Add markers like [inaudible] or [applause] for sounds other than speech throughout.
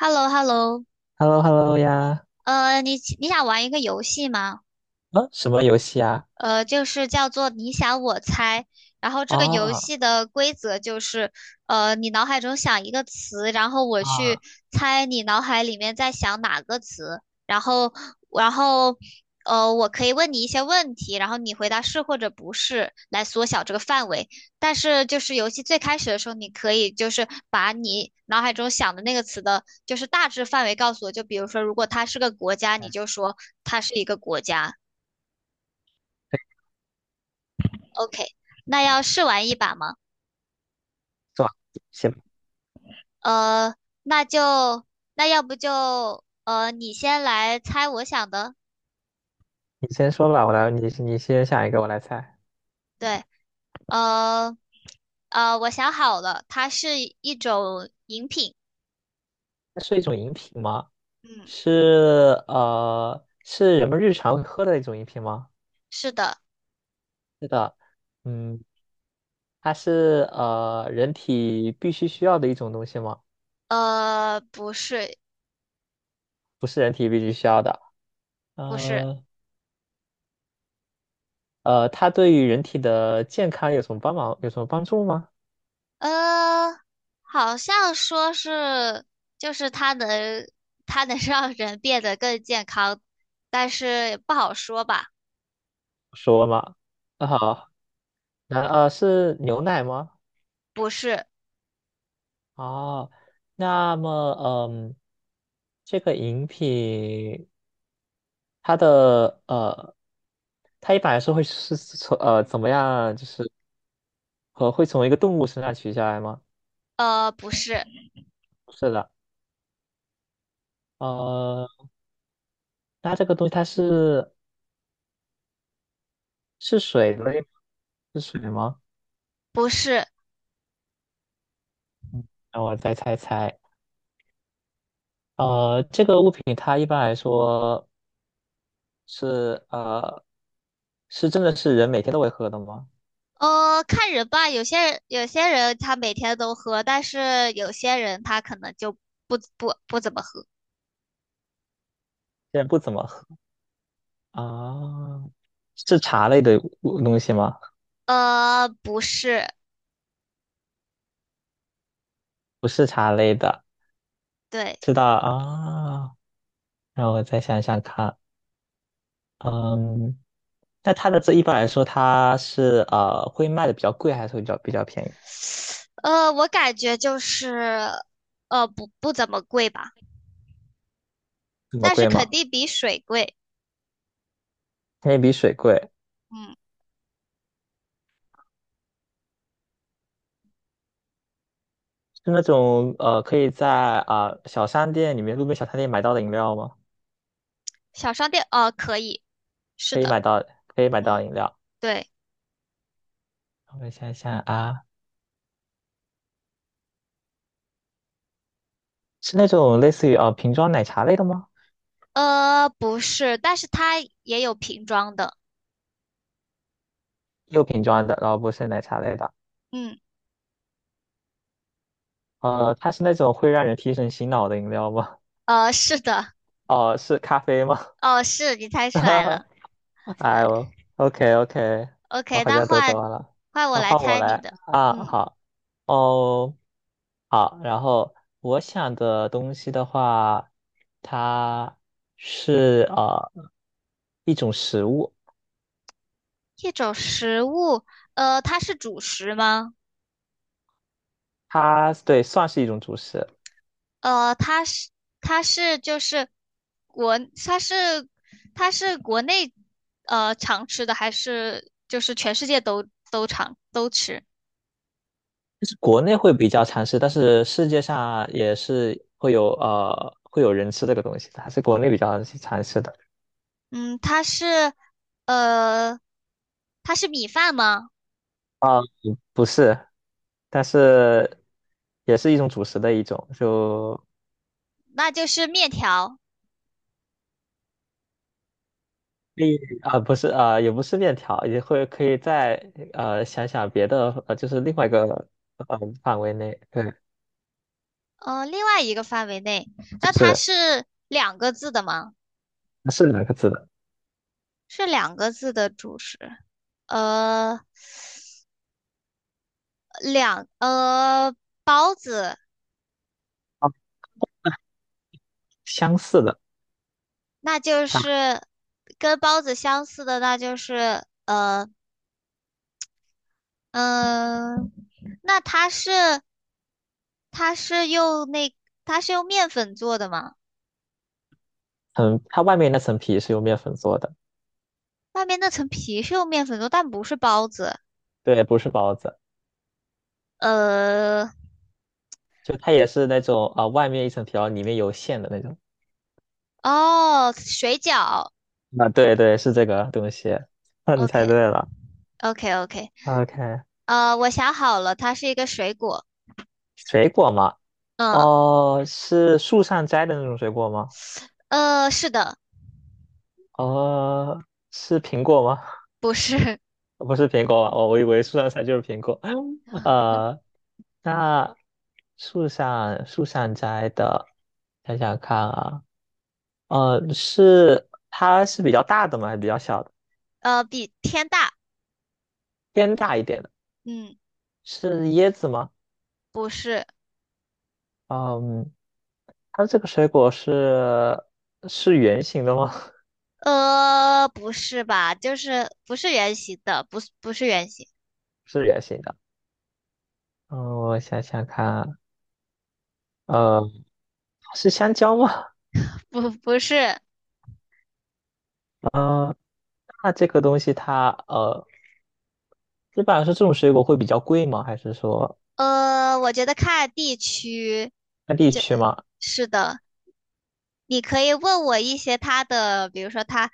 h e l l o h e l l o h e l l o h e l l o 呀，你想玩一个游戏吗？啊，什么游戏啊？就是叫做你想我猜。然后这个游啊戏的规则就是，你脑海中想一个词，然后我去啊，猜你脑海里面在想哪个词，然后，然后，我可以问你一些问题，然后你回答是或者不是，来缩小这个范围。但是就是游戏最开始的时候，你可以就是把你脑海中想的那个词的，就是大致范围告诉我。就比如说，如果它是个国家，你就来说它是一个国家。OK，那要试玩一把吗？做行，呃，那就那要不就你先来猜我想的。你先说吧，我来，你先想一个，我来猜。对，呃我想好了，它是一种饮品。它是一种饮品吗？嗯，是是人们日常喝的一种饮品吗？是的。是的，嗯，它是人体必须需要的一种东西吗？呃，不是，不是人体必须需要的。不是，呃它对于人体的健康有什么帮忙？有什么帮助吗？呃，好像说是就是它能它能让人变得更健康，但是不好说吧？说嘛，啊好，那是牛奶吗？不是，哦，那么，嗯，这个饮品它的它一般来说会是从怎么样，就是会从一个动物身上取下来吗？不是，是的，呃，那这个东西它是是水类吗，是水吗？不是。让我再猜猜，呃，这个物品它一般来说是呃是真的是人每天都会喝的吗？呃，看人吧，有些人他每天都喝，但是有些人他可能就不怎么喝。现在不怎么喝啊，是茶类的物东西吗？呃，不是，不是茶类的，对，知道啊？让我再想想看，嗯，那它的这一般来说，它是会卖的比较贵，还是会比较便宜？我感觉就是，呃，不怎么贵吧，这么但是贵肯吗？定比水贵。肯定比水贵，嗯，是那种可以在小商店里面、路边小商店买到的饮料吗？小商店，呃，可以，是可以的，买到，可以买到嗯，饮料。对，我想想啊，是那种类似于瓶装奶茶类的吗？呃，不是，但是它也有瓶装的。又瓶装的，然后不是奶茶类的，嗯，呃，它是那种会让人提神醒脑的饮料吗？呃，是的，哦、是咖啡吗？哦，是你猜 [laughs] 出哈来哈，了，对。哎呦，OK OK，我 OK，好那像都换做完了，换我那来换我猜来你的。啊，嗯，好哦，好，然后我想的东西的话，它是一种食物，一种食物，呃，它是主食吗？它对算是一种主食，呃，它是它是就是国它是它是国内常吃的，还是就是全世界都常都吃？就是国内会比较常吃，但是世界上也是会有会有人吃这个东西的，还是国内比较常吃的。嗯，它是呃它是米饭吗？不是，但是也是一种主食的一种，就那就是面条。可以啊、不是啊、也不是面条，也会可以再想想别的，就是另外一个范围内，对，呃，另外一个范围内，那就它是是两个字的吗？是两个字的，是两个字的主食。呃，两呃包子，啊相似的，那就它是跟包子相似的，那就是嗯、呃，那它是它是用那它是用面粉做的吗？它外面那层皮是用面粉做的，外面那层皮是用面粉做，但不是包子。对，不是包子，呃，就它也是那种啊、外面一层皮，然后里面有馅的那种，哦，水饺啊、对对是这个东西，[laughs] 那你猜，OK 对了 OK OK,，OK，呃，我想好了，它是一个水果。水果嘛。嗯哦，是树上摘的那种水果吗？是的，哦，是苹果吗？不是，[laughs] 不是苹果吧？哦，我以为树上摘就是苹果。[laughs] 呃，那树上摘的，想想看啊，呃，是它是比较大的吗？还是比较小的？[laughs] 呃，比天大。偏大一点的，嗯。是椰子吗？不是，嗯，它这个水果是圆形的吗？[laughs] 呃，不是吧？就是不是圆形的，不是圆形，是圆形的。嗯，我想想看啊，呃，是香蕉吗？不是，嗯、那这个东西它一般来说这种水果会比较贵吗？还是说呃，我觉得看地区，看地就区吗？是的。你可以问我一些它的，比如说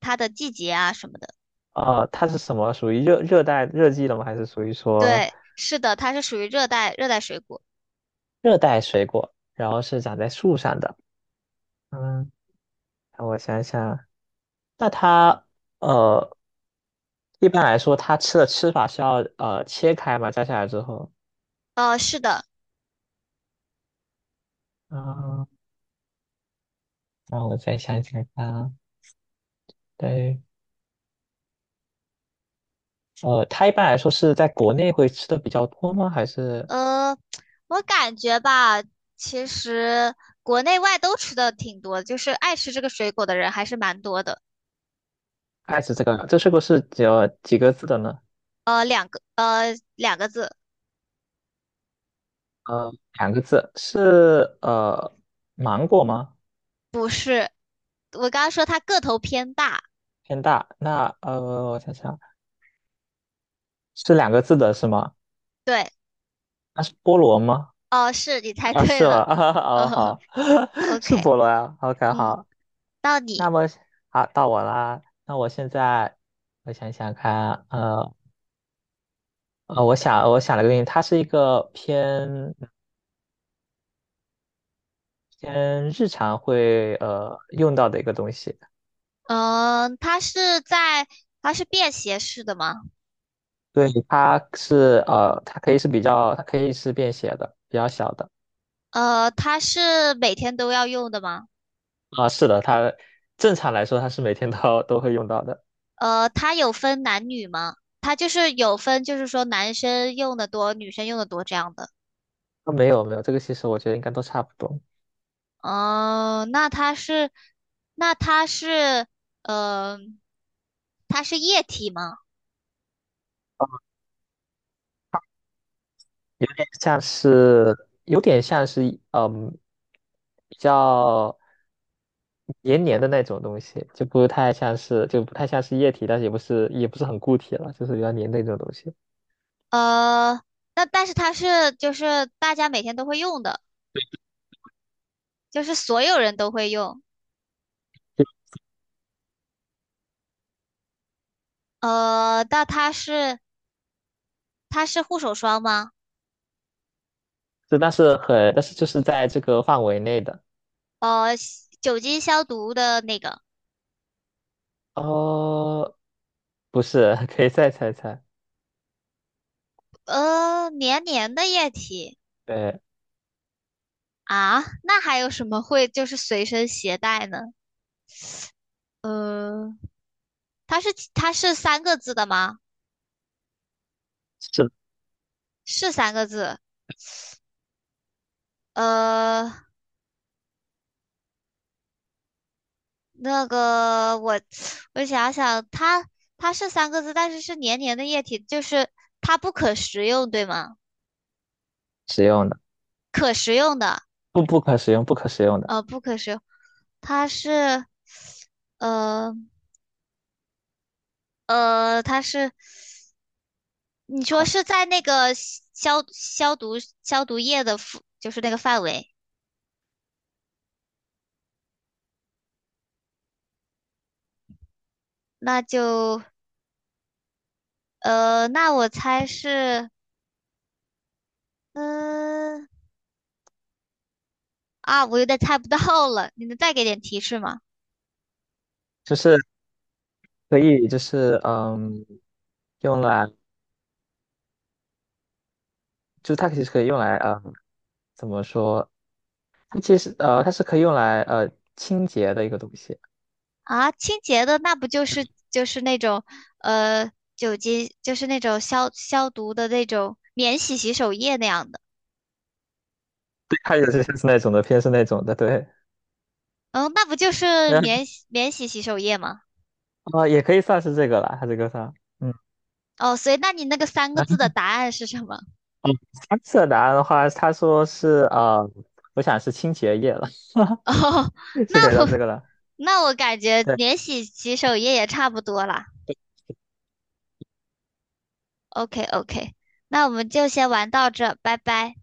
它的季节啊什么的。呃，它是什么属于热带热季的吗？还是属于说对，是的，它是属于热带水果。热带水果？然后是长在树上的。嗯，让我想想，那它呃，一般来说它吃的吃法是要切开嘛，摘下来之后。呃，是的，啊，那我再想想看啊，对，呃，它一般来说是在国内会吃的比较多吗？还是呃，我感觉吧，其实国内外都吃的挺多的就是爱吃这个水果的人还是蛮多的。爱吃这个？这水果是只有几个字的呢？两个字。呃，两个字是芒果吗？我刚刚说它个头偏大，偏大。那呃，我想想，是两个字的是吗？对，那是菠萝吗？哦，是你猜啊，对是吗？[laughs] 了，啊，哦哦好，[laughs] 是，OK，菠萝啊。OK，嗯，好。你，那么好，到我啦。那我现在我想想看，我想了个东西，它是一个偏日常会用到的一个东西。嗯，它是便携式的吗？对，它是呃，它可以是比较，它可以是便携的，比较小的。呃，它是每天都要用的吗？啊，是的，它正常来说它是每天都 [laughs] 都会用到的。呃，它有分男女吗？它就是有分，就是说男生用的多，女生用的多这样的。啊，没有没有，这个其实我觉得应该都差不多，哦，那它是，呃，它是液体吗？像是有点像是嗯比较黏黏的那种东西，就不太像是就不太像是液体，但是也不是很固体了，就是比较黏的那种东西。呃，那但是它是就是大家每天都会用的。就是所有人都会用。呃，那它是它是护手霜吗？就但是就是在这个范围内的。呃，酒精消毒的那个，哦，不是，[laughs] 可以再猜猜。呃，黏黏的液体对，啊，那还有什么会就是随身携带呢？呃，它是三个字的吗？是是三个字。呃，那个我我想想，它它是三个字，但是是黏黏的液体，就是它不可食用，对吗？使用的，可食用的。不可使用，不可使用的呃，不可食用，它是，呃它是，你说啊，是在那个消毒液的附，就是那个范围，那就，呃，那我猜是，嗯、啊，我有点猜不到了，你能再给点提示吗？就是。可以就是嗯，用来，就它其实可以用来嗯，怎么说？它其实它是可以用来清洁的一个东西。啊，清洁的那不就是就是那种，呃，酒精就是那种消毒的那种免洗洗手液那样的，对，它也是是那种的，偏是那种的，对 嗯，那不就 [laughs]。是嗯，免洗洗手液吗？呃，也可以算是这个了，它这个算。嗯，哦，所以那你那个三个然字的后答案是什么？三次答案的话，他说是我想是清洁液了，[laughs] 哦，[laughs] 是可以那我当这个了。那我感觉对。免洗洗手液也差不多啦。OK OK，那我们就先玩到这，拜拜。